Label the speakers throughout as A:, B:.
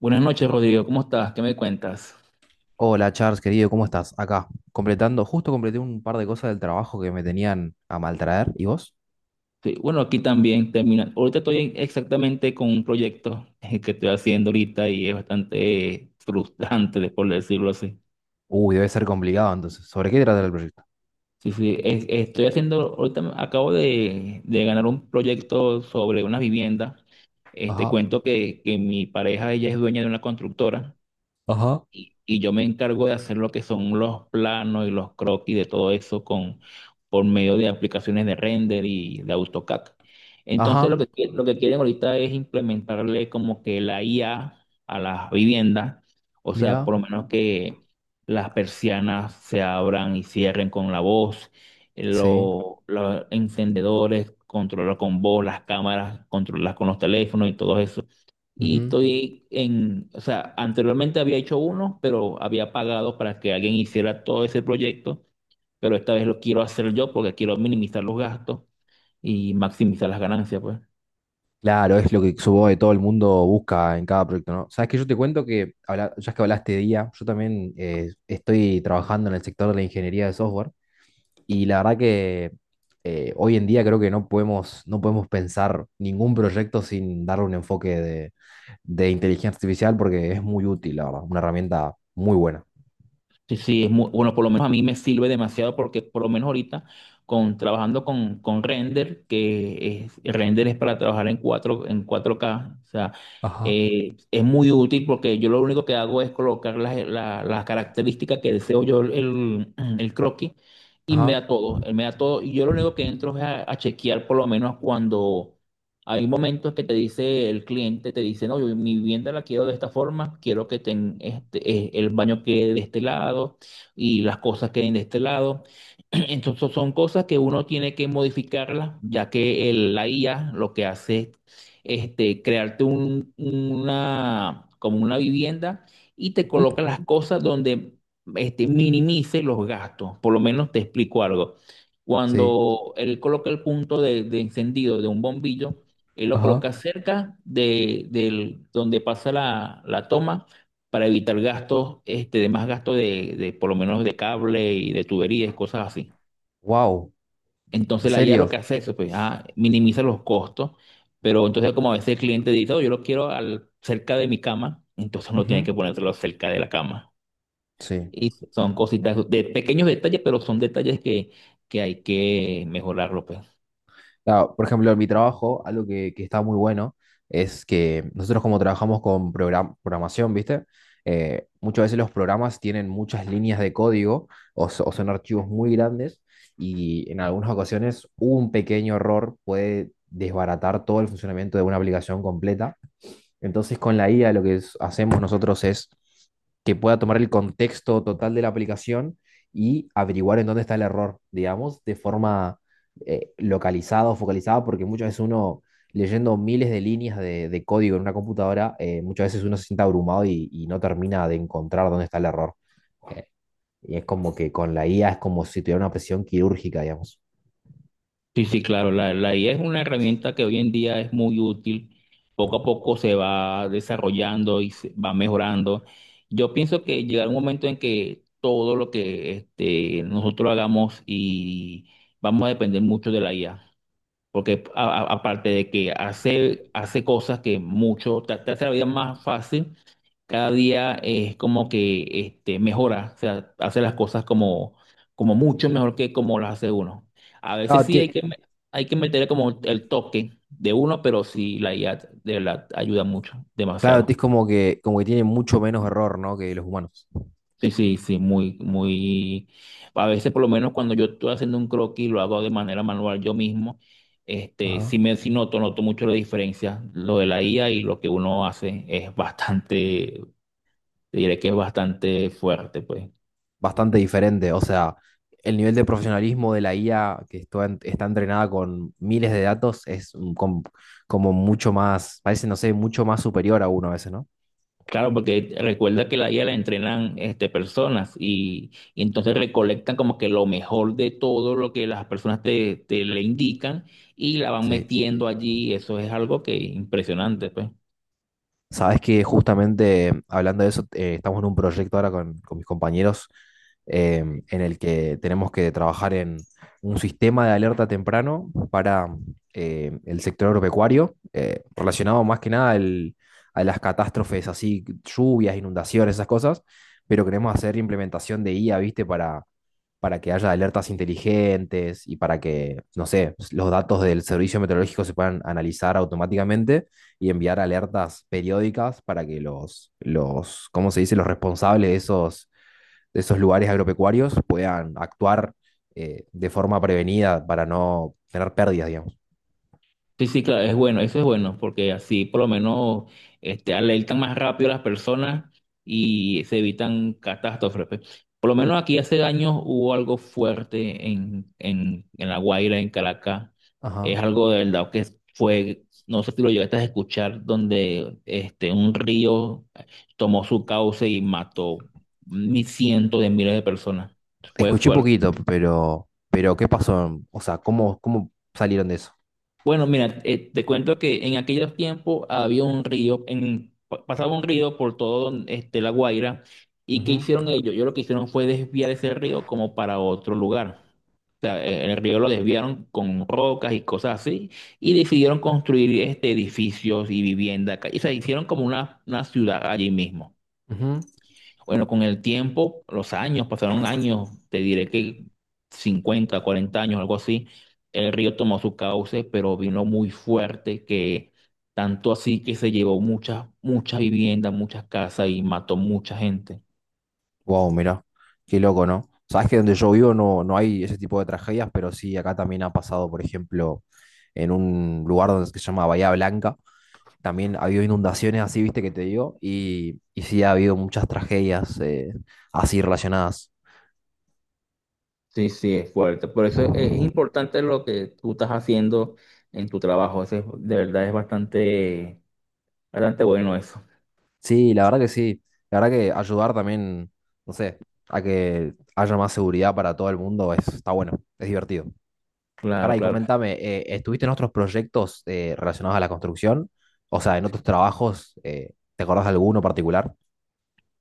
A: Buenas noches, Rodrigo. ¿Cómo estás? ¿Qué me cuentas?
B: Hola Charles, querido, ¿cómo estás? Acá, completando, justo completé un par de cosas del trabajo que me tenían a maltraer. ¿Y vos?
A: Sí, bueno, aquí también termina. Ahorita estoy exactamente con un proyecto, que estoy haciendo ahorita y es bastante, frustrante, por decirlo así.
B: Uy, debe ser complicado entonces. ¿Sobre qué trata el proyecto?
A: Sí, sí, estoy haciendo, ahorita acabo de ganar un proyecto sobre una vivienda. Este
B: Ajá,
A: cuento que mi pareja, ella es dueña de una constructora,
B: ajá,
A: y yo me encargo de hacer lo que son los planos y los croquis de todo eso con, por medio de aplicaciones de render y de AutoCAD. Entonces lo
B: ajá,
A: que, lo que quieren ahorita es implementarle como que la IA a las viviendas, o sea, por
B: mira,
A: lo menos que las persianas se abran y cierren con la voz,
B: sí.
A: los encendedores, controlar con voz, las cámaras, controlar con los teléfonos y todo eso. Y
B: Ujú.
A: estoy en, o sea, anteriormente había hecho uno, pero había pagado para que alguien hiciera todo ese proyecto, pero esta vez lo quiero hacer yo porque quiero minimizar los gastos y maximizar las ganancias, pues.
B: Claro, es lo que supongo que todo el mundo busca en cada proyecto, ¿no? Sabes que yo te cuento que, ya que hablaste de IA, yo también estoy trabajando en el sector de la ingeniería de software y la verdad que hoy en día creo que no podemos pensar ningún proyecto sin darle un enfoque de inteligencia artificial porque es muy útil, la verdad. Una herramienta muy buena.
A: Sí, sí, es muy, bueno, por lo menos a mí me sirve demasiado, porque por lo menos ahorita con trabajando con render, que es, render es para trabajar en 4K en 4K, o sea,
B: Ajá.
A: es muy útil porque yo lo único que hago es colocar las las características que deseo yo, el croquis y me
B: Ajá.
A: da todo, él me da todo, y yo lo único que entro es a chequear. Por lo menos cuando hay momentos que te dice el cliente, te dice, no, yo mi vivienda la quiero de esta forma, quiero que este, el baño quede de este lado y las cosas queden de este lado. Entonces son cosas que uno tiene que modificarlas, ya que la IA lo que hace es este, crearte una, como una vivienda, y te coloca
B: Ujú.
A: las cosas donde este, minimice los gastos. Por lo menos te explico algo.
B: Sí.
A: Cuando él coloca el punto de encendido de un bombillo, él lo
B: Ajá.
A: coloca cerca donde pasa la, la toma para evitar gastos, este, de más gastos por lo menos de cable y de tuberías y cosas así.
B: Wow, ¿en
A: Entonces la IA lo
B: serio?
A: que hace es, pues, ah, minimiza los costos, pero entonces como a veces el cliente dice, "Oh, yo lo quiero al, cerca de mi cama", entonces no tiene
B: Ujú.
A: que ponérselo cerca de la cama.
B: Sí.
A: Y son cositas de pequeños detalles, pero son detalles que hay que mejorarlo, pues.
B: Claro, por ejemplo, en mi trabajo, algo que está muy bueno es que nosotros como trabajamos con programación, ¿viste? Muchas veces los programas tienen muchas líneas de código o son archivos muy grandes y en algunas ocasiones un pequeño error puede desbaratar todo el funcionamiento de una aplicación completa. Entonces con la IA lo que hacemos nosotros es que pueda tomar el contexto total de la aplicación y averiguar en dónde está el error, digamos, de forma localizada o focalizada, porque muchas veces uno leyendo miles de líneas de código en una computadora, muchas veces uno se siente abrumado y no termina de encontrar dónde está el error. Eh, y es como que con la IA es como si tuviera una presión quirúrgica, digamos.
A: Sí, sí, claro, la IA es una herramienta que hoy en día es muy útil, poco a poco se va desarrollando y se va mejorando. Yo pienso que llegará un momento en que todo lo que este, nosotros hagamos, y vamos a depender mucho de la IA, porque aparte de que hace cosas que mucho, te hace la vida más fácil, cada día es como que este, mejora, o sea, hace las cosas como, como mucho mejor que como las hace uno. A veces
B: Claro,
A: sí hay
B: ti-
A: que, hay que meterle como el toque de uno, pero sí la IA de verdad ayuda mucho,
B: claro, ti
A: demasiado.
B: es como que tiene mucho menos error, ¿no? Que los humanos.
A: Sí, sí, sí, muy, muy. A veces, por lo menos cuando yo estoy haciendo un croquis, lo hago de manera manual yo mismo. Este, sí
B: Ajá.
A: me noto, noto mucho la diferencia. Lo de la IA y lo que uno hace es bastante, te diré que es bastante fuerte, pues.
B: Bastante diferente. O sea, el nivel de profesionalismo de la IA que esto está entrenada con miles de datos es como mucho más, parece, no sé, mucho más superior a uno a veces, ¿no?
A: Claro, porque recuerda que la IA la entrenan este, personas y entonces recolectan como que lo mejor de todo lo que las personas te le indican, y la van
B: Sí.
A: metiendo allí. Eso es algo que impresionante, pues.
B: Sabes que justamente hablando de eso, estamos en un proyecto ahora con mis compañeros, eh, en el que tenemos que trabajar en un sistema de alerta temprano para el sector agropecuario, relacionado más que nada a las catástrofes así, lluvias, inundaciones, esas cosas, pero queremos hacer implementación de IA, ¿viste? Para que haya alertas inteligentes y para que, no sé, los datos del servicio meteorológico se puedan analizar automáticamente y enviar alertas periódicas para que los, ¿cómo se dice?, los responsables de esos lugares agropecuarios puedan actuar, de forma prevenida para no tener pérdidas, digamos.
A: Sí, sí, claro, es bueno, eso es bueno, porque así por lo menos este, alertan más rápido a las personas y se evitan catástrofes, pues. Por lo menos aquí hace años hubo algo fuerte en La Guaira, en Caracas. Es
B: Ajá.
A: algo de verdad que fue, no sé si lo llegaste a escuchar, donde este, un río, tomó su cauce y mató mi cientos de miles de personas. Fue
B: Escuché
A: fuerte.
B: poquito, pero ¿qué pasó? O sea, ¿cómo, cómo salieron de eso?
A: Bueno, mira, te cuento que en aquellos tiempos había un río, en, pasaba un río por todo este, La Guaira, y ¿qué
B: Ujú,
A: hicieron ellos? Yo lo que hicieron fue desviar ese río como para otro lugar. O sea, el río lo desviaron con rocas y cosas así, y decidieron construir este, edificios y vivienda, o sea, hicieron como una ciudad allí mismo.
B: ujú.
A: Bueno, con el tiempo, los años, pasaron años, te diré que 50 40 años, algo así, el río tomó su cauce, pero vino muy fuerte, que tanto así que se llevó muchas, muchas viviendas, muchas casas y mató mucha gente.
B: Wow, mira, qué loco, ¿no? Sabes que donde yo vivo no hay ese tipo de tragedias, pero sí, acá también ha pasado, por ejemplo, en un lugar donde se llama Bahía Blanca, también ha habido inundaciones así, viste que te digo, y sí ha habido muchas tragedias, así relacionadas.
A: Sí, sí, es fuerte. Por eso es importante lo que tú estás haciendo en tu trabajo. De verdad es bastante, bastante bueno eso.
B: Sí, la verdad que sí, la verdad que ayudar también, no sé, a que haya más seguridad para todo el mundo es, está bueno, es divertido.
A: Claro,
B: Pará, y
A: claro.
B: comentame, ¿estuviste en otros proyectos, relacionados a la construcción? O sea, en otros trabajos, ¿te acordás de alguno particular?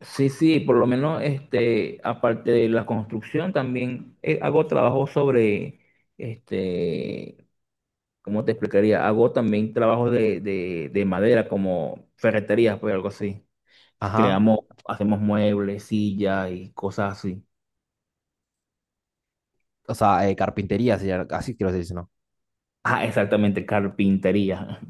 A: Sí, sí, por lo menos este, aparte de la construcción, también hago trabajo sobre, este, ¿cómo te explicaría? Hago también trabajos de madera, como ferreterías, pues algo así.
B: Ajá,
A: Creamos, hacemos muebles, sillas y cosas así.
B: o sea, carpintería, así quiero decir, ¿no?
A: Ah, exactamente, carpintería.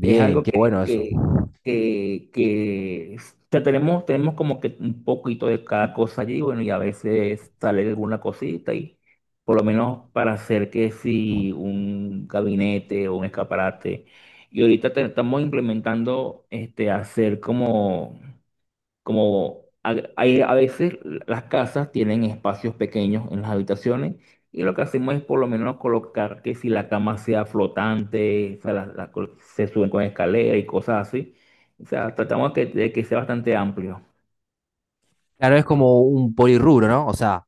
A: Es algo
B: qué bueno eso.
A: que o sea, tenemos, tenemos como que un poquito de cada cosa allí, bueno, y a veces sale alguna cosita y por lo menos para hacer que si un gabinete o un escaparate. Y ahorita estamos implementando este, hacer como como hay a veces las casas tienen espacios pequeños en las habitaciones, y lo que hacemos es por lo menos colocar que si la cama sea flotante, o sea, se suben con escalera y cosas así. O sea, tratamos de que sea bastante amplio.
B: Claro, es como un polirrubro, ¿no? O sea,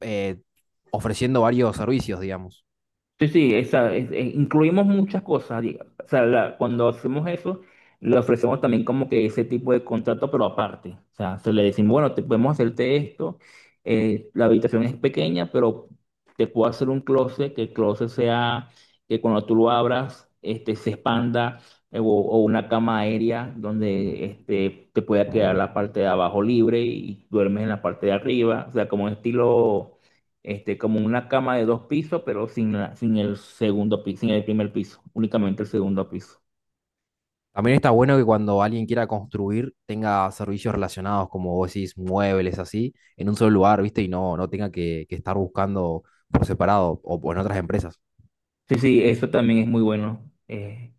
B: eh, ofreciendo varios servicios, digamos.
A: Sí, sí, esa, incluimos muchas cosas, o sea, cuando hacemos eso, le ofrecemos también como que ese tipo de contrato, pero aparte. O sea, se le decimos, bueno, te podemos hacerte esto, la habitación es pequeña, pero te puedo hacer un closet, que el closet sea, que cuando tú lo abras, este, se expanda, o una cama aérea donde este, te pueda quedar la parte de abajo libre y duermes en la parte de arriba. O sea, como un estilo este, como una cama de dos pisos, pero sin, sin el segundo piso, sin el primer piso, únicamente el segundo piso.
B: También está bueno que cuando alguien quiera construir tenga servicios relacionados, como vos decís, muebles así, en un solo lugar, ¿viste? Y no, no tenga que estar buscando por separado o en otras empresas.
A: Sí, sí, eso también es muy bueno.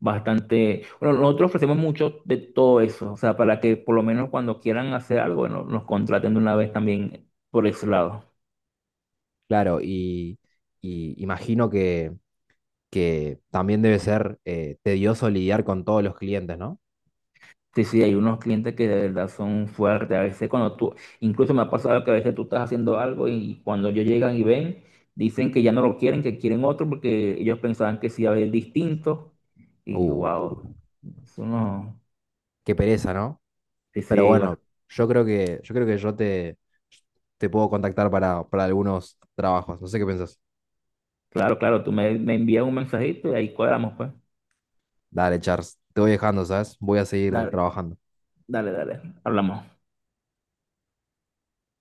A: Bastante. Bueno, nosotros ofrecemos mucho de todo eso, o sea, para que por lo menos cuando quieran hacer algo, bueno, nos contraten de una vez también por ese lado.
B: Claro, y imagino que también debe ser tedioso lidiar con todos los clientes, ¿no?
A: Sí, sí, hay unos clientes que de verdad son fuertes. A veces cuando tú, incluso me ha pasado que a veces tú estás haciendo algo y cuando ellos llegan y ven, dicen que ya no lo quieren, que quieren otro porque ellos pensaban que sí iba a haber distinto. Y
B: Uh,
A: wow, eso no.
B: qué pereza, ¿no?
A: Sí,
B: Pero
A: sí, bueno,
B: bueno, yo creo que te puedo contactar para algunos trabajos. No sé qué pensás.
A: claro, claro, tú me envías un mensajito y ahí cuadramos, pues.
B: Dale, Charles, te voy dejando, ¿sabes? Voy a seguir
A: Dale,
B: trabajando.
A: dale, dale. Hablamos.